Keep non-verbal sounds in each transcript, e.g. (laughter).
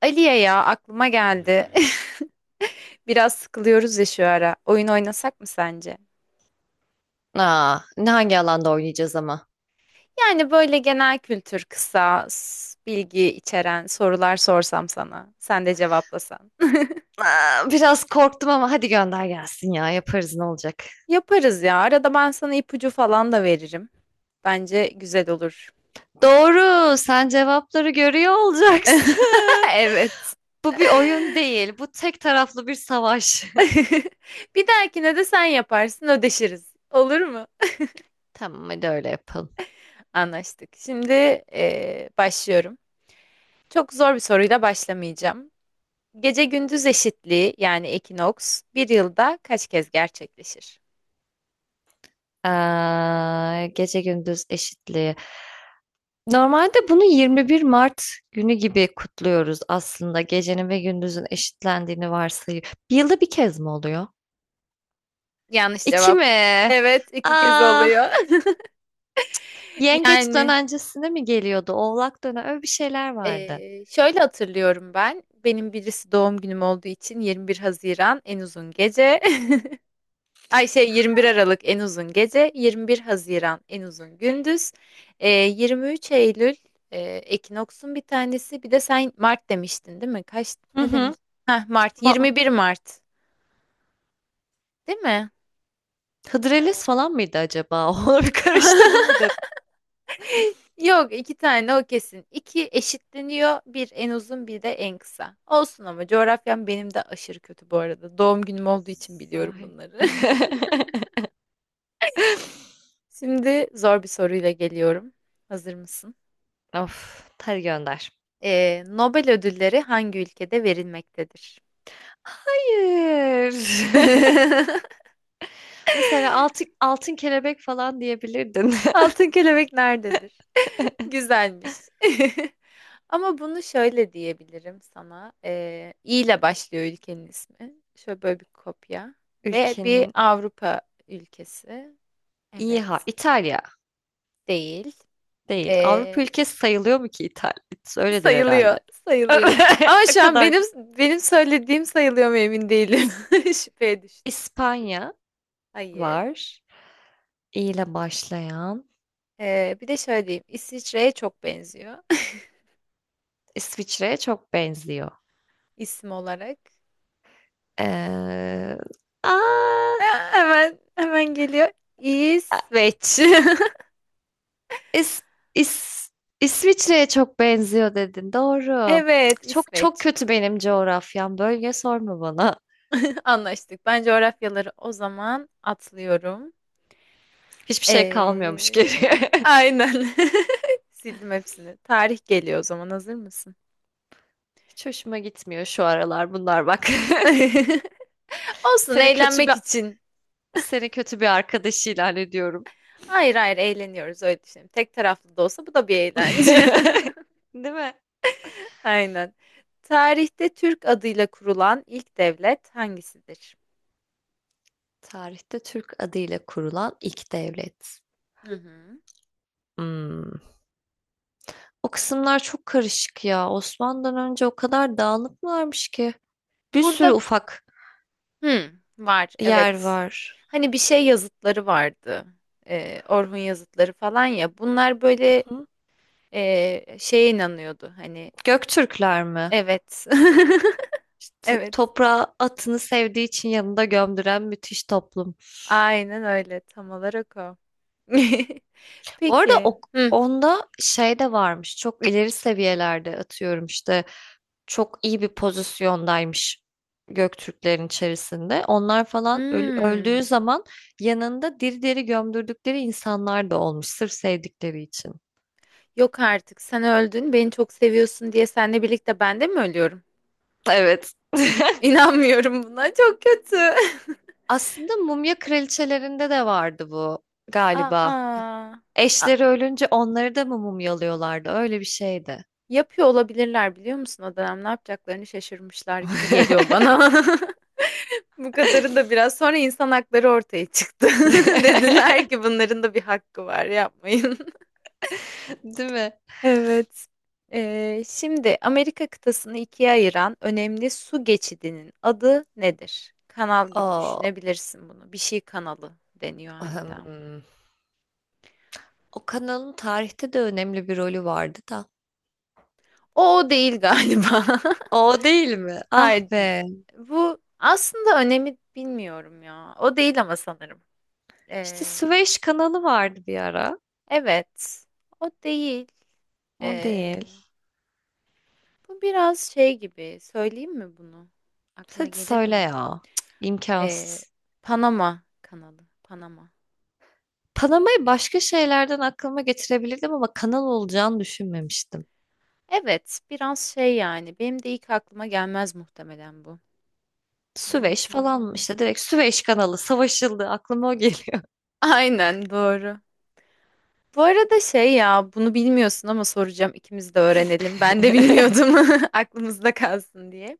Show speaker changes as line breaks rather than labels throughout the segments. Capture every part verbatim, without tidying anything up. Aliye ya aklıma geldi. (laughs) Biraz sıkılıyoruz ya şu ara. Oyun oynasak mı sence?
Aa, ne hangi alanda oynayacağız ama?
Yani böyle genel kültür, kısa, s- bilgi içeren sorular sorsam sana. Sen de cevaplasan.
Aa, biraz korktum ama hadi gönder gelsin ya yaparız ne olacak.
(laughs) Yaparız ya. Arada ben sana ipucu falan da veririm. Bence güzel olur.
Doğru, sen cevapları görüyor
(laughs)
olacaksın.
Evet.
(laughs) Bu bir oyun değil, bu tek taraflı bir savaş.
(laughs) Bir dahakine de sen yaparsın, ödeşiriz. Olur mu?
(laughs) Tamam hadi öyle yapalım.
Anlaştık. Şimdi eee, başlıyorum. Çok zor bir soruyla başlamayacağım. Gece gündüz eşitliği yani ekinoks bir yılda kaç kez gerçekleşir?
Aa, gece gündüz eşitliği. Normalde bunu yirmi bir Mart günü gibi kutluyoruz aslında. Gecenin ve gündüzün eşitlendiğini varsayıyor. Bir yılda bir kez mi oluyor?
Yanlış
İki
cevap.
mi?
Evet, iki kez
Aa,
oluyor. (laughs)
Yengeç
Yani
dönencesine mi geliyordu? Oğlak dönen öyle bir şeyler vardı.
eee, şöyle hatırlıyorum ben. Benim birisi doğum günüm olduğu için yirmi bir Haziran en uzun gece. (laughs) Ay şey yirmi bir Aralık en uzun gece. yirmi bir Haziran en uzun gündüz. Eee, yirmi üç Eylül eee, ekinoksun bir tanesi. Bir de sen Mart demiştin değil mi? Kaç
Hı
ne
hı.
demiştin? Heh, Mart
Ma
yirmi bir Mart değil mi?
Hıdrellez falan mıydı acaba? (laughs) Onları bir
(laughs)
karıştırdım mı dedim.
Yok iki tane o kesin. İki eşitleniyor. Bir en uzun bir de en kısa. Olsun ama coğrafyam benim de aşırı kötü bu arada. Doğum günüm olduğu için biliyorum
Sahil.
bunları. (laughs)
(laughs)
Şimdi zor bir soruyla geliyorum. Hazır mısın?
Of, hadi gönder.
Ee, Nobel ödülleri hangi ülkede verilmektedir?
Hayır. (laughs)
(laughs)
Mesela altın, altın kelebek falan diyebilirdin.
Altın kelebek nerededir? Güzelmiş. (laughs) Ama bunu şöyle diyebilirim sana. Ee, İ ile başlıyor ülkenin ismi. Şöyle böyle bir kopya.
(laughs)
Ve bir
Ülkenin
Avrupa ülkesi.
iyi ha
Evet.
İtalya
Değil.
değil. Avrupa
Ee,
ülkesi sayılıyor mu ki İtalya? Öyledir herhalde.
sayılıyor. Sayılıyor.
(laughs)
Ama
Ne
şu an
kadar
benim benim söylediğim sayılıyor mu emin değilim. (laughs) Şüpheye düştüm.
İspanya
Hayır.
var. İ ile başlayan
Ee, bir de şöyle diyeyim. İsviçre'ye çok benziyor.
İsviçre'ye çok benziyor.
(laughs) isim olarak.
Eee, aaa!
Ee, Hemen hemen geliyor.
A
İsveç. (laughs)
İs İs İsviçre'ye çok benziyor dedin, doğru. Cık,
Evet,
Çok çok
İsveç.
kötü benim coğrafyam, bölge sorma bana.
(laughs) Anlaştık. Ben coğrafyaları o zaman atlıyorum.
Hiçbir şey kalmıyormuş
Ee,
geriye. (laughs)
aynen. (laughs) Sildim hepsini. Tarih geliyor o zaman. Hazır mısın?
Hiç hoşuma gitmiyor şu aralar bunlar bak.
(laughs)
(laughs)
Olsun
Seni kötü bir
eğlenmek için.
Seni kötü bir arkadaş ilan ediyorum.
Hayır, hayır, eğleniyoruz öyle düşünelim. Tek taraflı da olsa bu da bir eğlence.
(laughs) Değil mi?
(laughs) Aynen. Tarihte Türk adıyla kurulan ilk devlet hangisidir?
Tarihte Türk adıyla kurulan ilk devlet.
Hı hı.
Hımm. O kısımlar çok karışık ya. Osmanlı'dan önce o kadar dağınık mı varmış ki? Bir sürü
Burada
ufak
Hmm, var,
yer
evet.
var.
Hani bir şey yazıtları vardı. Ee, Orhun yazıtları falan ya. Bunlar böyle
Hı?
e, şeye inanıyordu. Hani
Göktürkler mi?
evet. (laughs)
İşte
Evet.
toprağa atını sevdiği için yanında gömdüren müthiş toplum.
Aynen öyle. Tam olarak o. (laughs)
Bu arada
Peki.
o,
Hı.
onda şey de varmış. Çok ileri seviyelerde atıyorum işte. Çok iyi bir pozisyondaymış Göktürklerin içerisinde. Onlar falan öl- öldüğü
Hmm.
zaman yanında diri diri gömdürdükleri insanlar da olmuş sırf sevdikleri için.
Yok artık. Sen öldün. Beni çok seviyorsun diye seninle birlikte ben de mi ölüyorum?
Evet. (laughs)
İnanmıyorum buna. Çok kötü.
Aslında Mumya Kraliçelerinde de vardı bu
(laughs)
galiba.
Aa.
Eşleri ölünce onları da mı mumyalıyorlardı? Öyle bir şeydi.
Yapıyor olabilirler, biliyor musun, o dönem ne yapacaklarını şaşırmışlar gibi geliyor
(laughs)
bana. (laughs) Bu kadarı da biraz sonra insan hakları ortaya çıktı. (laughs) Dediler ki bunların da bir hakkı var, yapmayın. (laughs)
Değil mi?
Evet. Ee, şimdi Amerika kıtasını ikiye ayıran önemli su geçidinin adı nedir? Kanal gibi
O,
düşünebilirsin bunu. Bir şey kanalı deniyor hatta.
hmm, O kanalın tarihte de önemli bir rolü vardı da.
O, o değil galiba.
O değil
(laughs)
mi? Ah
Hayır,
be.
bu aslında önemi bilmiyorum ya. O değil ama sanırım.
İşte
Ee,
Süveyş kanalı vardı bir ara.
evet, o değil.
O
Ee,
değil.
bu biraz şey gibi. Söyleyeyim mi bunu? Aklına
Hadi
gelir
söyle
mi?
ya. Cık,
Ee,
imkansız.
Panama kanalı. Panama.
Panamayı başka şeylerden aklıma getirebilirdim ama kanal olacağını düşünmemiştim.
Evet, biraz şey yani. Benim de ilk aklıma gelmez muhtemelen bu. (laughs) Hı
Süveyş
hı.
falan işte direkt Süveyş kanalı savaşıldı aklıma o geliyor.
Aynen doğru. Bu arada şey ya, bunu bilmiyorsun ama soracağım. İkimiz de öğrenelim. Ben de
(laughs)
bilmiyordum. (laughs) Aklımızda kalsın diye.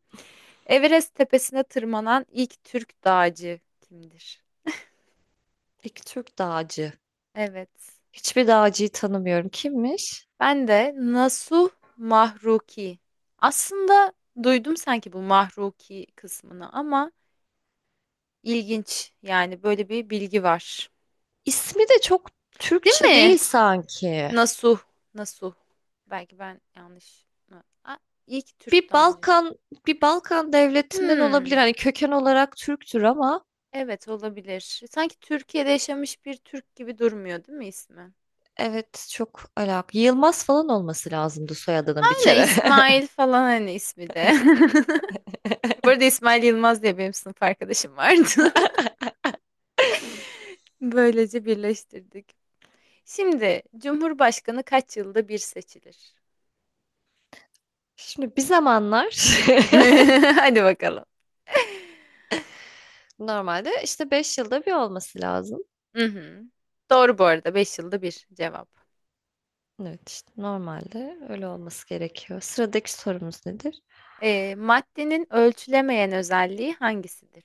Everest tepesine tırmanan ilk Türk dağcı kimdir?
Peki Türk dağcı.
Evet.
Hiçbir dağcıyı tanımıyorum. Kimmiş?
Ben de Nasuh Mahruki. Aslında duydum sanki bu Mahruki kısmını ama ilginç yani, böyle bir bilgi var.
İsmi de çok
Değil
Türkçe
mi?
değil sanki.
Nasuh, Nasuh. Belki ben yanlış mı? Aa, iyi ki Türk
Bir
tacı.
Balkan Bir Balkan devletinden olabilir.
Hmm,
Hani köken olarak Türktür ama
evet olabilir. Sanki Türkiye'de yaşamış bir Türk gibi durmuyor değil mi ismi?
evet çok alakalı. Yılmaz falan olması lazımdı soyadının bir
Aynen
kere.
İsmail falan hani ismi de. (laughs) Bu arada İsmail Yılmaz diye benim sınıf arkadaşım vardı. (laughs) Böylece birleştirdik. Şimdi Cumhurbaşkanı kaç yılda bir seçilir?
(laughs) Şimdi bir zamanlar. (laughs)
(laughs) Hadi bakalım.
Normalde, işte, beş yılda bir olması lazım.
Hı hı. Doğru, bu arada beş yılda bir cevap.
Evet, işte, normalde öyle olması gerekiyor. Sıradaki sorumuz nedir?
Ee, maddenin ölçülemeyen özelliği hangisidir?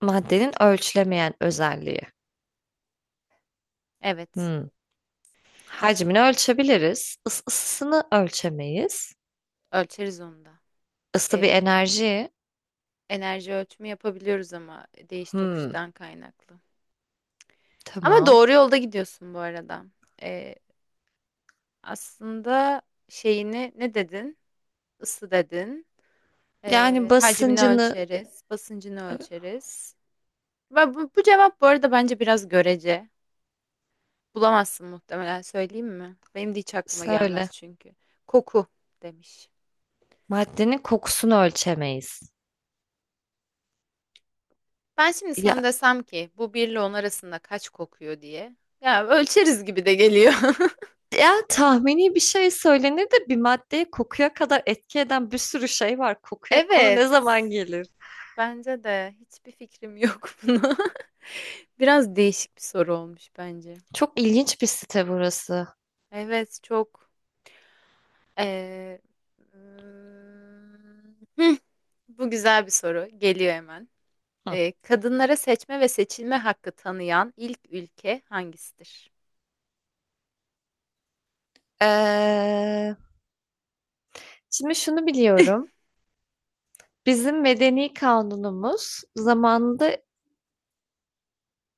Maddenin ölçülemeyen özelliği.
Evet,
Hımm. Hacmini ölçebiliriz. Is ısısını ölçemeyiz.
ölçeriz onu da.
Isı bir
Ee,
enerji.
enerji ölçümü yapabiliyoruz ama değiş
Hımm,
tokuştan kaynaklı. Ama
tamam.
doğru yolda gidiyorsun bu arada. Ee, aslında şeyini ne dedin? Isı dedin.
Yani,
Ee, hacmini
basıncını
ölçeriz, basıncını
ı
ölçeriz. Ve bu, bu cevap bu arada bence biraz görece. Bulamazsın muhtemelen, söyleyeyim mi? Benim de hiç aklıma gelmez
söyle.
çünkü. Koku demiş.
Maddenin kokusunu ölçemeyiz.
Ben şimdi sana
Ya
desem ki bu bir ile on arasında kaç kokuyor diye. Ya ölçeriz gibi de geliyor. (laughs)
Ya, tahmini bir şey söylenir de bir maddeye kokuya kadar etki eden bir sürü şey var. Kokuya konu
Evet.
ne zaman gelir?
Bence de hiçbir fikrim yok (laughs) buna. Biraz değişik bir soru olmuş bence.
Çok ilginç bir site burası.
Evet, çok. Ee, hmm, (laughs) Bu güzel bir soru. Geliyor hemen.
Hı.
Eee, kadınlara seçme ve seçilme hakkı tanıyan ilk ülke hangisidir?
Eee, şimdi şunu biliyorum. Bizim medeni kanunumuz zamanında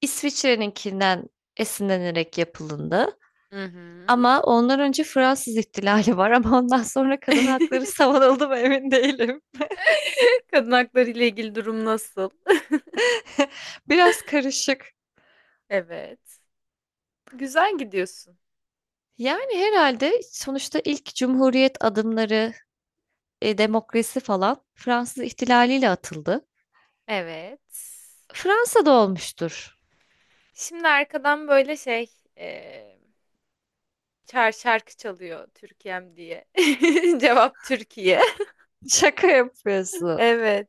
İsviçre'ninkinden esinlenerek yapıldı.
Hı hı.
Ama ondan önce Fransız ihtilali var ama ondan sonra kadın
(laughs)
hakları savunuldu mu emin değilim.
Kadın hakları ile ilgili durum nasıl?
Biraz karışık.
Evet. Güzel gidiyorsun.
Yani herhalde sonuçta ilk cumhuriyet adımları, e, demokrasi falan Fransız ihtilaliyle atıldı.
Evet.
Fransa'da olmuştur.
Şimdi arkadan böyle şey eee çar şarkı çalıyor Türkiye'm diye. (laughs) Cevap Türkiye.
Şaka yapıyorsun.
Evet.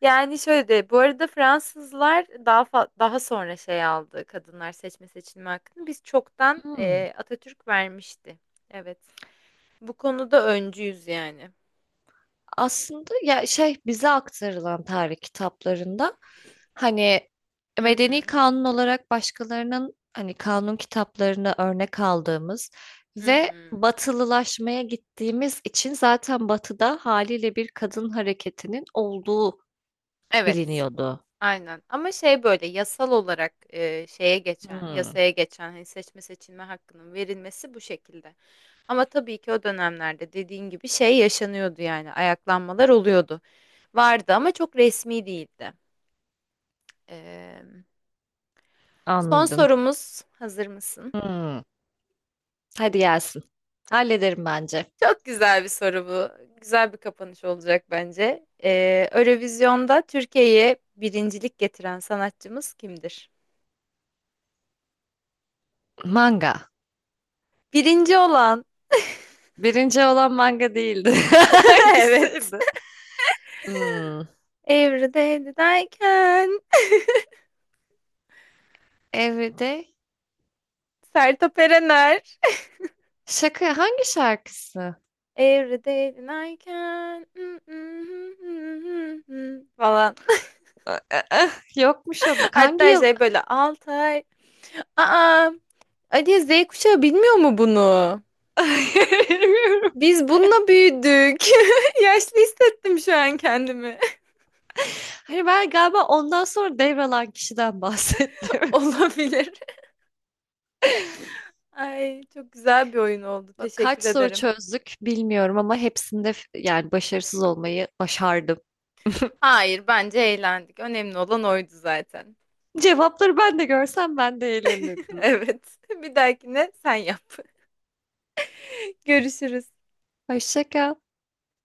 Yani şöyle de bu arada Fransızlar daha fa- daha sonra şey aldı kadınlar seçme seçilme hakkını. Biz çoktan
Hmm.
eee, Atatürk vermişti. Evet. Bu konuda öncüyüz yani.
Aslında ya, şey, bize aktarılan tarih kitaplarında, hani,
Hı
medeni
hı,
kanun olarak başkalarının, hani, kanun kitaplarını örnek aldığımız
hı
ve
hı.
batılılaşmaya gittiğimiz için zaten Batı'da haliyle bir kadın hareketinin olduğu
Evet,
biliniyordu.
aynen. Ama şey böyle yasal olarak e, şeye geçen,
Hımm,
yasaya geçen hani seçme seçilme hakkının verilmesi bu şekilde. Ama tabii ki o dönemlerde dediğin gibi şey yaşanıyordu yani ayaklanmalar oluyordu. Vardı ama çok resmi değildi. Eee, son
anladım.
sorumuz, hazır mısın?
Hımm. Hadi gelsin. Hallederim bence.
Çok güzel bir soru bu. Güzel bir kapanış olacak bence. Ee, Eurovision'da Türkiye'ye birincilik getiren sanatçımız kimdir?
Manga.
Birinci olan.
Birinci olan manga değildi. (laughs)
(laughs) Evet.
Hangisiydi? Hımm.
Every day that I can.
Evde
Sertab Erener.
şaka hangi şarkısı?
(laughs) Every day that I can. (laughs) Falan.
A a ah, yokmuş o bak. Hangi
Hatta
yıl?
şey böyle Altay. Aa, Ali Z kuşağı bilmiyor mu bunu?
(laughs) Bilmiyorum.
Biz bununla büyüdük. (laughs) Yaşlı hissettim şu an kendimi.
Hani ben galiba ondan sonra devralan kişiden bahsettim.
(laughs) Olabilir.
(laughs)
Ay, çok güzel bir oyun oldu.
Bak kaç
Teşekkür
soru
ederim.
çözdük bilmiyorum ama hepsinde f yani başarısız olmayı başardım.
Hayır, bence eğlendik. Önemli olan oydu zaten.
Cevapları ben de görsem ben de
(laughs)
eğlenirdim.
Evet. Bir dahakine sen yap. Görüşürüz.
Hoşça kal.